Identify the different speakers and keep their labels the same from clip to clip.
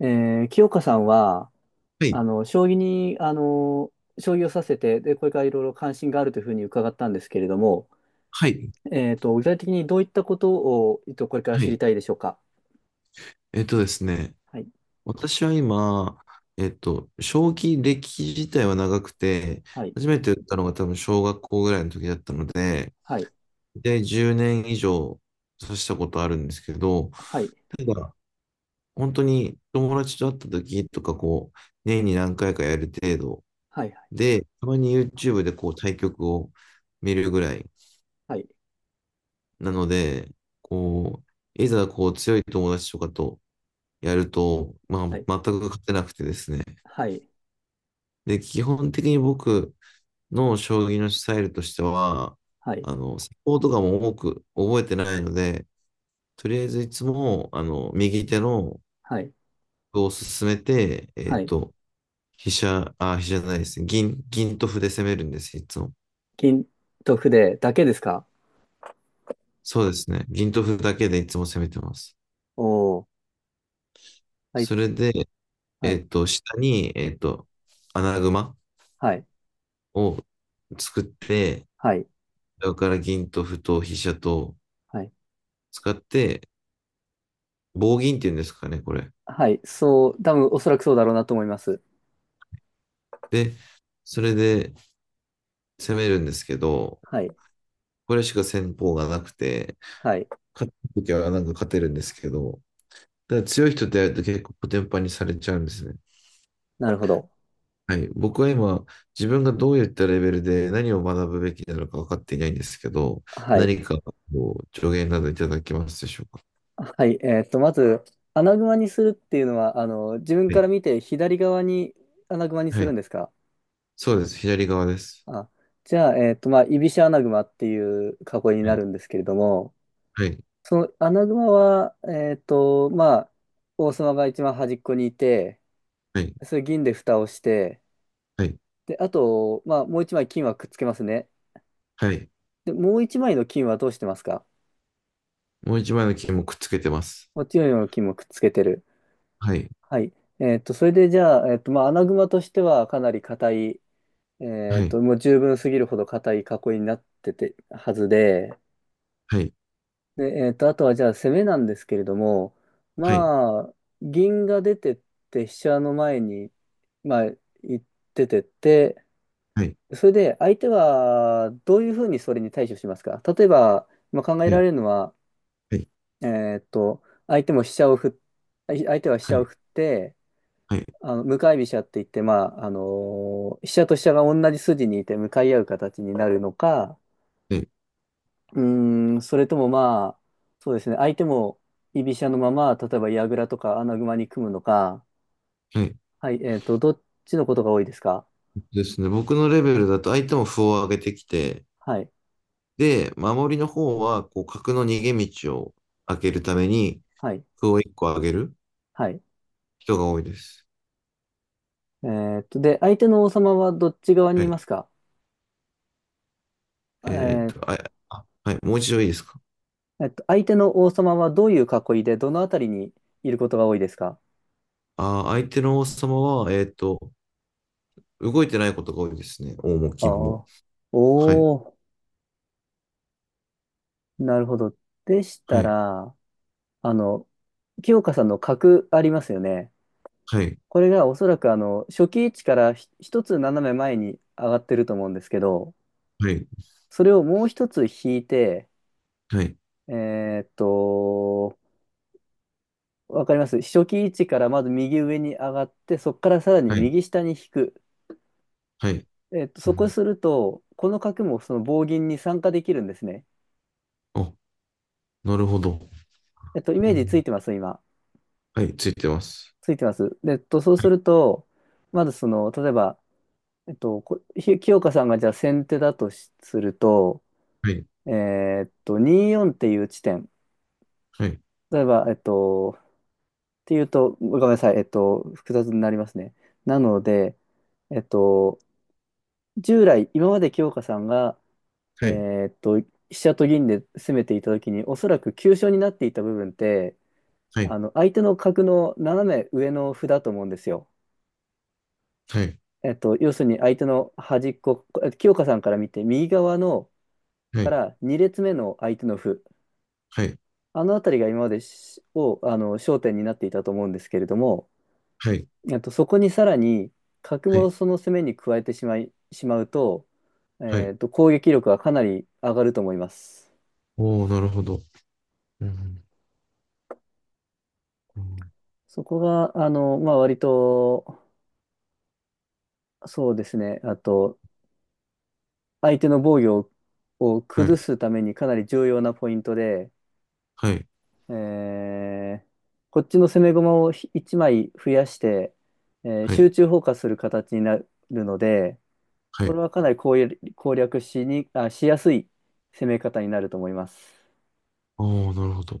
Speaker 1: え清香さんは、
Speaker 2: はい、
Speaker 1: 将棋に、あの、将棋をさせて、で、これからいろいろ関心があるというふうに伺ったんですけれども、
Speaker 2: はい、
Speaker 1: 具体的にどういったことを、これから
Speaker 2: は
Speaker 1: 知り
Speaker 2: い。
Speaker 1: たいでしょうか。
Speaker 2: えっとですね、
Speaker 1: はい。
Speaker 2: 私は今、将棋歴自体は長くて、
Speaker 1: はい。
Speaker 2: 初めて打ったのが多分小学校ぐらいの時だったので、
Speaker 1: はい。
Speaker 2: で、10年以上指したことあるんですけど、
Speaker 1: はい。
Speaker 2: ただ、本当に友達と会った時とか、年に何回かやる程度
Speaker 1: はい。
Speaker 2: で、たまに YouTube で対局を見るぐらい
Speaker 1: はい。
Speaker 2: なので、いざ強い友達とかとやると、まあ、
Speaker 1: は
Speaker 2: 全
Speaker 1: い。
Speaker 2: く勝てなくてですね。
Speaker 1: はい。
Speaker 2: で、基本的に僕の将棋のスタイルとしては、
Speaker 1: はい。
Speaker 2: サポートがも多く覚えてないので、とりあえずいつも、右手の
Speaker 1: はい。
Speaker 2: 歩を進めて、
Speaker 1: はい。
Speaker 2: 飛車、あ、飛車じゃないですね。銀と歩で攻めるんです、いつも。
Speaker 1: 金と筆だけですか？
Speaker 2: そうですね。銀と歩だけでいつも攻めてます。
Speaker 1: おー。はい。
Speaker 2: それで、
Speaker 1: はい。
Speaker 2: 下に、穴熊
Speaker 1: はい。
Speaker 2: を作って、
Speaker 1: はい。
Speaker 2: それから銀と歩と飛車と
Speaker 1: はい。
Speaker 2: 使って、棒銀っていうんですかね、これ。
Speaker 1: はい。そう、多分おそらくそうだろうなと思います。
Speaker 2: で、それで攻めるんですけど、
Speaker 1: はい。
Speaker 2: これしか戦法がなくて、
Speaker 1: はい。
Speaker 2: 勝った時はなんか勝てるんですけど、だから強い人とやると結構コテンパンにされちゃうんですね。
Speaker 1: なるほど。
Speaker 2: はい。僕は今、自分がどういったレベルで何を学ぶべきなのか分かっていないんですけど、
Speaker 1: はい。
Speaker 2: 何か助言などいただけますでしょうか？
Speaker 1: はい、まず、穴熊にするっていうのは、自分
Speaker 2: は
Speaker 1: か
Speaker 2: い。
Speaker 1: ら見て左側に穴熊にす
Speaker 2: は
Speaker 1: る
Speaker 2: い。
Speaker 1: んですか？
Speaker 2: そうです。左側です。
Speaker 1: あ、じゃあ、まあ、居飛車穴熊っていう囲いに
Speaker 2: は
Speaker 1: な
Speaker 2: い。
Speaker 1: るんですけれども、
Speaker 2: はい。
Speaker 1: その穴熊は、まあ、王様が一番端っこにいて、
Speaker 2: はい。
Speaker 1: それ銀で蓋をして、
Speaker 2: はい。
Speaker 1: で、あと、まあ、もう一枚金はくっつけますね。
Speaker 2: はい。
Speaker 1: で、もう一枚の金はどうしてますか？
Speaker 2: もう一枚の金もくっつけてます。
Speaker 1: こっちの金もくっつけてる。
Speaker 2: はい。
Speaker 1: はい。それでじゃあ、まあ、穴熊としてはかなり硬い
Speaker 2: はい。
Speaker 1: もう十分すぎるほど硬い囲いになっててはずで、
Speaker 2: はい、
Speaker 1: で、あとはじゃあ攻めなんですけれども、
Speaker 2: はい、
Speaker 1: まあ、銀が出てって飛車の前に、まあ、行っててって、
Speaker 2: はい、
Speaker 1: それで相手はどういうふうにそれに対処しますか？例えば、まあ、考え
Speaker 2: は
Speaker 1: られ
Speaker 2: い、
Speaker 1: るのは、
Speaker 2: はい、
Speaker 1: えっと、相手も飛車を振っ、相手は飛
Speaker 2: は
Speaker 1: 車を
Speaker 2: い、
Speaker 1: 振って、
Speaker 2: はい、
Speaker 1: あの向かい飛車って言って、まあ、あの飛車と飛車が同じ筋にいて向かい合う形になるのか、
Speaker 2: はい、
Speaker 1: うーん、それともまあ、そうですね、相手も居飛車のまま、例えば矢倉とか穴熊に組むのか、
Speaker 2: はい
Speaker 1: はい、どっちのことが多いですか？
Speaker 2: ですね。僕のレベルだと相手も歩を上げてきて、
Speaker 1: はい。
Speaker 2: で、守りの方は、角の逃げ道を開けるために、
Speaker 1: はい。
Speaker 2: 歩を1個上げる
Speaker 1: はい。
Speaker 2: 人が多いです。
Speaker 1: で、相手の王様はどっち側に
Speaker 2: は
Speaker 1: い
Speaker 2: い。
Speaker 1: ますか？
Speaker 2: え
Speaker 1: えー
Speaker 2: あ、あはい、もう一度いいですか？
Speaker 1: 相手の王様はどういう囲いで、どのあたりにいることが多いですか？
Speaker 2: あー、相手の王様は、動いてないことが多いですね。王も
Speaker 1: ああ
Speaker 2: 金も。
Speaker 1: ー。
Speaker 2: はい、
Speaker 1: おー、なるほど。でし
Speaker 2: は
Speaker 1: た
Speaker 2: い、
Speaker 1: ら、あの、清香さんの角ありますよね。
Speaker 2: はい、
Speaker 1: これがおそらくあの初期位置から一つ斜め前に上がってると思うんですけど、
Speaker 2: はい、
Speaker 1: それをもう一つ引いて、
Speaker 2: はい、
Speaker 1: えーっと、わかります？初期位置からまず右上に上がって、そこからさらに
Speaker 2: はい、
Speaker 1: 右下に引く。
Speaker 2: はい。う
Speaker 1: そこ
Speaker 2: ん、
Speaker 1: すると、この角もその棒銀に参加できるんですね。
Speaker 2: お、なるほど。
Speaker 1: イ
Speaker 2: う
Speaker 1: メージつ
Speaker 2: ん、
Speaker 1: いてます今？
Speaker 2: はい、ついてます。
Speaker 1: ついてます。で、そうすると、まずその、例えば、清香さんがじゃあ先手だとすると、
Speaker 2: はい、
Speaker 1: え24っていう地点。
Speaker 2: はい、
Speaker 1: 例えば、ていうと、ごめんなさい、複雑になりますね。なので、えっと、従来、今まで清香さんが、
Speaker 2: はい、
Speaker 1: 飛車と銀で攻めていたときに、おそらく急所になっていた部分って、
Speaker 2: はい、
Speaker 1: 相手の角の斜め上の歩だと思うんですよ。
Speaker 2: はい、
Speaker 1: 要するに相手の端っこ、清香さんから見て、右側の
Speaker 2: は
Speaker 1: か
Speaker 2: い、
Speaker 1: ら2列目の相手の歩、
Speaker 2: はい、
Speaker 1: あの辺りが今までしを、あの、焦点になっていたと思うんですけれども、
Speaker 2: はい、
Speaker 1: そこにさらに角
Speaker 2: は
Speaker 1: も
Speaker 2: い、
Speaker 1: その攻めに加えてしまい、しまうと、
Speaker 2: はい。
Speaker 1: 攻撃力がかなり上がると思います。
Speaker 2: おー、なるほど。うん、うん、
Speaker 1: そこが、あの、まあ、割と、そうですね、あと、相手の防御を
Speaker 2: は
Speaker 1: 崩
Speaker 2: い、
Speaker 1: すためにかなり重要なポイントで、
Speaker 2: はい、
Speaker 1: えーこっちの攻め駒を1枚増やして、
Speaker 2: はい、
Speaker 1: 集中砲火する形になるので、
Speaker 2: は
Speaker 1: こ
Speaker 2: い。
Speaker 1: れはかなり攻略攻略しに、あ、しやすい攻め方になると思います。
Speaker 2: おー、なるほど。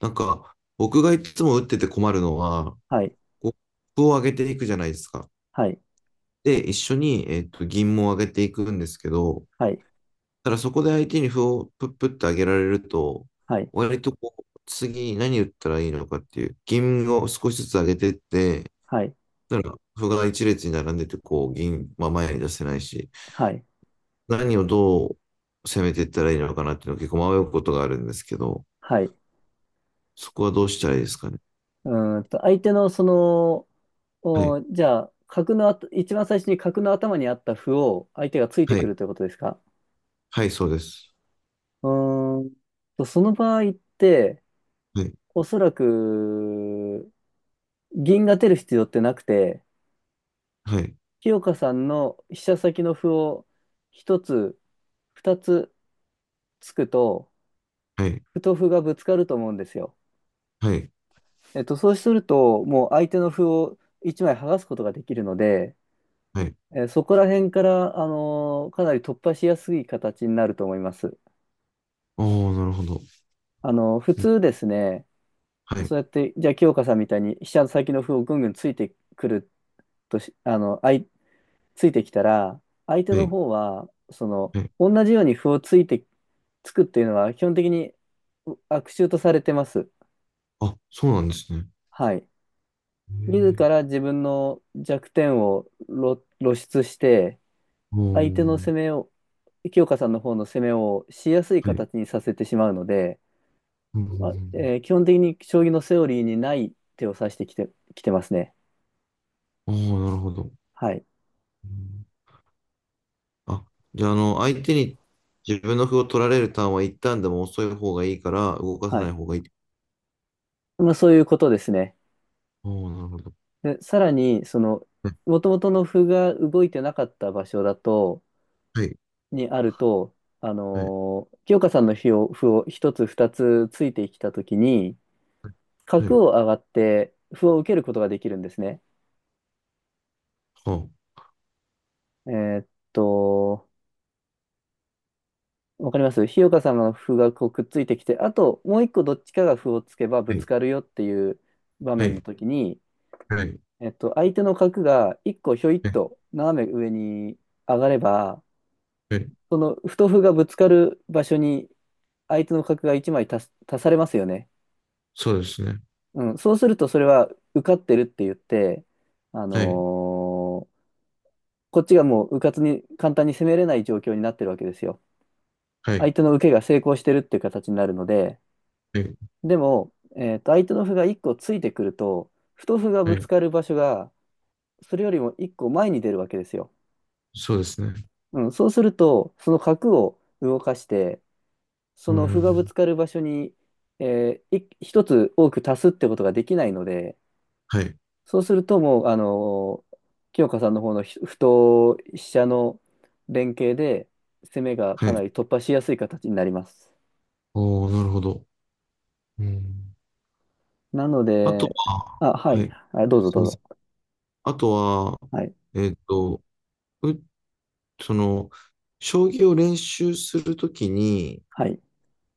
Speaker 2: なんか、僕がいつも打ってて困るのは、
Speaker 1: はい。
Speaker 2: コップを上げていくじゃないですか。
Speaker 1: はい。
Speaker 2: で、一緒に、銀も上げていくんですけど、
Speaker 1: はい。
Speaker 2: ただそこで相手に歩をプップって上げられると、
Speaker 1: はい。
Speaker 2: 割と次何打ったらいいのかっていう、銀を少しずつ上げてって、
Speaker 1: はい。
Speaker 2: だから、歩が一列に並んでて、銀、まあ、前に出せないし、
Speaker 1: はい。
Speaker 2: 何をどう攻めていったらいいのかなっていうのは結構迷うことがあるんですけど、
Speaker 1: はい。
Speaker 2: そこはどうしたらいいですかね？
Speaker 1: うーんと、相手のその、
Speaker 2: はい、
Speaker 1: おじゃあ、角のあと、一番最初に角の頭にあった歩を相手がついて
Speaker 2: は
Speaker 1: く
Speaker 2: い、
Speaker 1: るということですか？
Speaker 2: はい、そうです。
Speaker 1: うーんと、その場合って、
Speaker 2: はい、
Speaker 1: おそらく、銀が出る必要ってなくて、
Speaker 2: はい、
Speaker 1: 清香さんの飛車先の歩を一つ、二つつくと、
Speaker 2: はい、
Speaker 1: 歩と歩がぶつかると思うんですよ。
Speaker 2: はい、
Speaker 1: そうすると、もう相手の歩を一枚剥がすことができるので、
Speaker 2: はい。
Speaker 1: そこら辺から、かなり突破しやすい形になると思います。
Speaker 2: おー、なるほど。
Speaker 1: 普通ですね、
Speaker 2: はい、
Speaker 1: そうやって、じゃあ、清香さんみたいに飛車先の歩をぐんぐんついてくるとし、あの、あい、ついてきたら、相手
Speaker 2: は
Speaker 1: の
Speaker 2: い、
Speaker 1: 方は、その、
Speaker 2: はい。
Speaker 1: 同じように歩をついて、つくっていうのは、基本的に悪手とされてます。
Speaker 2: あ、そうなんですね。
Speaker 1: はい。
Speaker 2: へ
Speaker 1: 自
Speaker 2: ー
Speaker 1: ら自分の弱点を露出して、
Speaker 2: お
Speaker 1: 相手の
Speaker 2: ー、
Speaker 1: 攻めを、清香さんの方の攻めをしやすい
Speaker 2: はい。
Speaker 1: 形にさせてしまうので、
Speaker 2: うんうんう
Speaker 1: まあ、
Speaker 2: ん
Speaker 1: 基本的に将棋のセオリーにない手を指してきて、きてますね。
Speaker 2: うんおー、なるほど。
Speaker 1: はい。
Speaker 2: うんあ、じゃあ、相手に自分の歩を取られるターンは一旦でも遅い方がいいから、動かさ
Speaker 1: は
Speaker 2: ない
Speaker 1: い。
Speaker 2: 方がいい。
Speaker 1: まあ、そういうことですね。
Speaker 2: おお、なるほど。
Speaker 1: で、さらに、その、
Speaker 2: は
Speaker 1: もともとの歩が動いてなかった場所だと、
Speaker 2: い、
Speaker 1: にあると、
Speaker 2: はい、
Speaker 1: 清香さんの歩を一つ二つついてきたときに、
Speaker 2: はい、は
Speaker 1: 角
Speaker 2: い。
Speaker 1: を上がって歩を受けることができるんですね。
Speaker 2: は
Speaker 1: えーっと、わかります？日岡さんの歩がこうくっついてきて、あともう一個どっちかが歩をつけばぶ
Speaker 2: は
Speaker 1: つ
Speaker 2: い、
Speaker 1: かるよっていう場
Speaker 2: は
Speaker 1: 面の
Speaker 2: い、
Speaker 1: 時に、
Speaker 2: はい、
Speaker 1: 相手の角が一個ひょいっ
Speaker 2: はい、
Speaker 1: と斜め上に上がれば、
Speaker 2: はい、
Speaker 1: その歩と歩がぶつかる場所に相手の角が一枚足されますよね。
Speaker 2: そうですね。
Speaker 1: うん、そうするとそれは受かってるって言って、あの
Speaker 2: はい、
Speaker 1: ーこっちがもう迂闊に簡単に攻めれない状況になってるわけですよ。
Speaker 2: は
Speaker 1: 相
Speaker 2: い、
Speaker 1: 手の受けが成功してるっていう形になるので、
Speaker 2: はい、
Speaker 1: でも、相手の歩が1個ついてくると、太歩が
Speaker 2: は
Speaker 1: ぶつ
Speaker 2: い。
Speaker 1: かる場所が、それよりも1個前に出るわけですよ。
Speaker 2: そうですね。
Speaker 1: うん、そうすると、その角を動かして、そ
Speaker 2: う
Speaker 1: の歩がぶ
Speaker 2: ん。
Speaker 1: つかる場所に、1つ多く足すってことができないので、
Speaker 2: はい、
Speaker 1: そうするともう、清香さんの方の歩と飛車の連携で、攻めが
Speaker 2: は
Speaker 1: かな
Speaker 2: い。
Speaker 1: り突破しやすい形になります。
Speaker 2: おお、なるほど。うん。
Speaker 1: なの
Speaker 2: あと
Speaker 1: で、
Speaker 2: は、
Speaker 1: あ、は
Speaker 2: はい。
Speaker 1: い、あ、どうぞ
Speaker 2: す
Speaker 1: ど
Speaker 2: みま
Speaker 1: う
Speaker 2: せん。
Speaker 1: ぞ。
Speaker 2: あとは、
Speaker 1: はい。
Speaker 2: えっと、う、その、将棋を練習するときに、
Speaker 1: はい。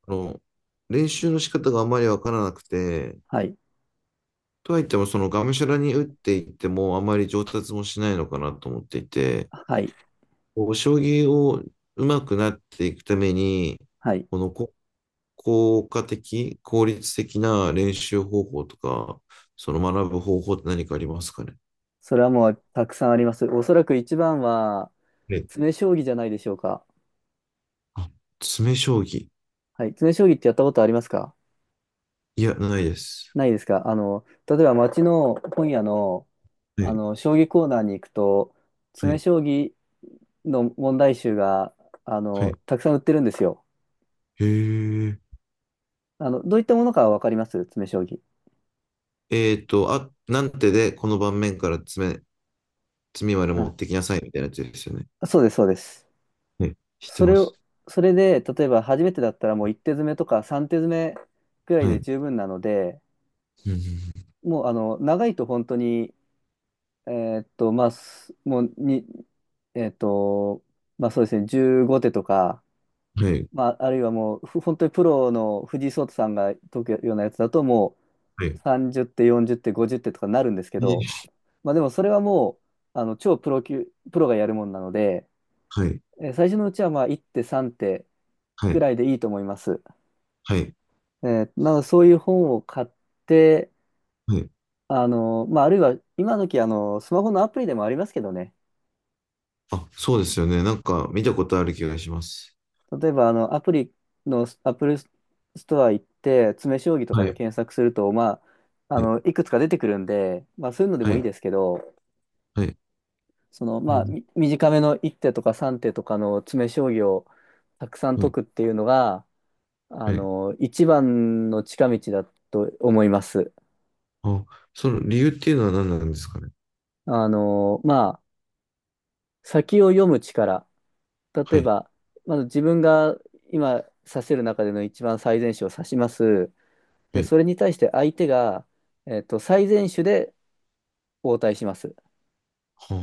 Speaker 2: あの、練習の仕方があまりわからなくて、
Speaker 1: はい。
Speaker 2: とはいっても、そのがむしゃらに打っていっても、あまり上達もしないのかなと思っていて、
Speaker 1: はい。
Speaker 2: 将棋を上手くなっていくために、
Speaker 1: はい。
Speaker 2: このこ効果的、効率的な練習方法とか、その学ぶ方法って何かありますかね
Speaker 1: それはもうたくさんあります。おそらく一番は、
Speaker 2: え、
Speaker 1: 詰将棋じゃないでしょうか。
Speaker 2: あ、詰将棋。
Speaker 1: はい。詰将棋ってやったことありますか？
Speaker 2: いや、ないです。
Speaker 1: ないですか？例えば街の本屋の、
Speaker 2: はい、
Speaker 1: 将棋コーナーに行くと、
Speaker 2: は
Speaker 1: 詰
Speaker 2: い、
Speaker 1: 将棋の問題集が、
Speaker 2: はい。
Speaker 1: たくさん売ってるんですよ。
Speaker 2: へえ。
Speaker 1: どういったものかわかります？詰将棋。
Speaker 2: あ、なんてで、この盤面から詰みまで
Speaker 1: あ、
Speaker 2: 持ってきなさいみたいなやつですよね？
Speaker 1: そうです、そうです。
Speaker 2: はい、知って
Speaker 1: そ
Speaker 2: ま
Speaker 1: れ
Speaker 2: す。
Speaker 1: を、それで、例えば初めてだったらもう1手詰めとか3手詰めくらい
Speaker 2: はい。
Speaker 1: で
Speaker 2: う
Speaker 1: 十分なので、
Speaker 2: んうん
Speaker 1: もうあの長いと本当にえまあ、すもうに、えーっと、まあそうですね、15手とか、
Speaker 2: はい、
Speaker 1: まあ、あるいはもう、本当にプロの藤井聡太さんが解くようなやつだと、も
Speaker 2: はい、
Speaker 1: う30手、40手、50手とかなるんですけど、
Speaker 2: ー
Speaker 1: まあでもそれはもう、あの、超プロ級、プロがやるもんなので、
Speaker 2: はい、
Speaker 1: 最初のうちはまあ1手、3手
Speaker 2: は
Speaker 1: く
Speaker 2: い、
Speaker 1: らいでいいと思います。
Speaker 2: はい、
Speaker 1: なので、そういう本を買って、
Speaker 2: はい。
Speaker 1: あの、まあ、あるいは、今時、あの、スマホのアプリでもありますけどね、
Speaker 2: あ、そうですよね。なんか見たことある気がします。
Speaker 1: 例えば、あの、アップルストア行って、詰将棋とか
Speaker 2: は
Speaker 1: で
Speaker 2: い、
Speaker 1: 検索すると、まあ、あの、
Speaker 2: え
Speaker 1: いくつか出てくるんで、まあ、そういうので
Speaker 2: は
Speaker 1: もいい
Speaker 2: い、
Speaker 1: ですけど、
Speaker 2: はい、
Speaker 1: その、
Speaker 2: う
Speaker 1: まあ、
Speaker 2: ん、
Speaker 1: 短めの1手とか3手とかの詰将棋をたくさん
Speaker 2: は
Speaker 1: 解
Speaker 2: い、
Speaker 1: くっていうのが、あ
Speaker 2: はい。
Speaker 1: の、一番の近道だと思います。
Speaker 2: あ、その理由っていうのは何なんですかね？
Speaker 1: あの、まあ、先を読む力。例
Speaker 2: は
Speaker 1: え
Speaker 2: い、
Speaker 1: ば、まず自分が今指せる中での一番最善手を指します。
Speaker 2: は
Speaker 1: で、
Speaker 2: い、
Speaker 1: それに対して相手が、最善手で応対します。
Speaker 2: はあ、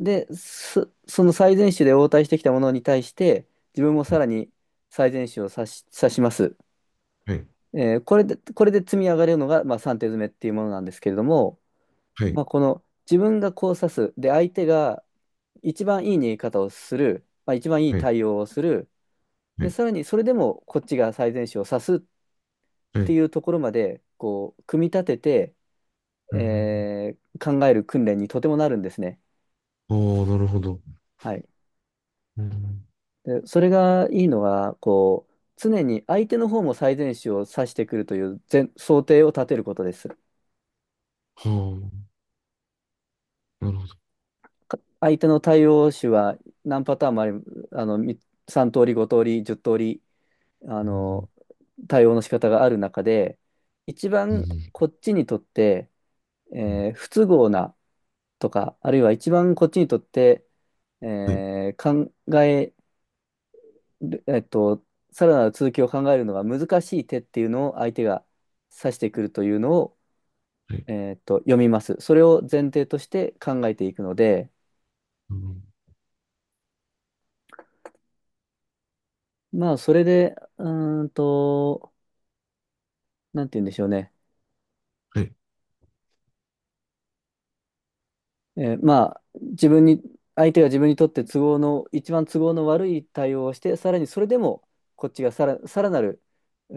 Speaker 1: で、その最善手で応対してきたものに対して、自分も
Speaker 2: は
Speaker 1: さ
Speaker 2: い、
Speaker 1: らに最善手を指します。
Speaker 2: はい、
Speaker 1: これで、積み上がれるのが、まあ、3手詰めっていうものなんですけれども、
Speaker 2: はい、
Speaker 1: まあ、この自分がこう指す。で、相手が一番いい逃げ方をする。まあ、一番いい
Speaker 2: はい、
Speaker 1: 対応をする。
Speaker 2: は
Speaker 1: で、
Speaker 2: い、
Speaker 1: さらにそれでもこっちが最善手を指すっ
Speaker 2: は
Speaker 1: て
Speaker 2: い
Speaker 1: いうところまで、こう、組み立てて、
Speaker 2: うん。
Speaker 1: 考える訓練にとてもなるんですね。
Speaker 2: ああ、なるほど。
Speaker 1: はい。
Speaker 2: うん、
Speaker 1: で、それがいいのは、こう、常に相手の方も最善手を指してくるという前想定を立てることです。
Speaker 2: はあ、なるほど。
Speaker 1: 相手の対応手は何パターンもあり、あの、3通り、5通り、10通り、あ
Speaker 2: う
Speaker 1: の、
Speaker 2: ん、
Speaker 1: 対応の仕方がある中で、一
Speaker 2: う
Speaker 1: 番
Speaker 2: ん、
Speaker 1: こっちにとって、
Speaker 2: うん
Speaker 1: 不都合なとか、あるいは一番こっちにとって、
Speaker 2: はい、
Speaker 1: えー考えでえっと、さらなる続きを考えるのが難しい手っていうのを相手が指してくるというのを、
Speaker 2: はい、
Speaker 1: 読みます。それを前提として考えていくので、
Speaker 2: うん
Speaker 1: まあ、それで、うーんと、なんて言うんでしょうね。
Speaker 2: はい
Speaker 1: まあ、自分に、相手が自分にとって都合の、一番都合の悪い対応をして、さらにそれでも、こっちがさらなる、う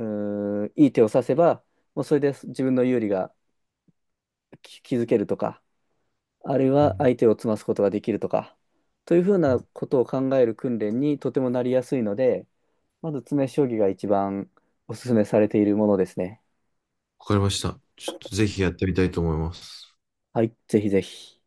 Speaker 1: ーんいい手を指せば、もうそれで自分の有利が気づけるとか、あるい
Speaker 2: う
Speaker 1: は
Speaker 2: ん
Speaker 1: 相手を詰ますことができるとか、というふうなことを考える訓練にとてもなりやすいので、まず詰め将棋が一番おすすめされているものですね。
Speaker 2: わかりました。ちょっとぜひやってみたいと思います。
Speaker 1: はい、ぜひぜひ。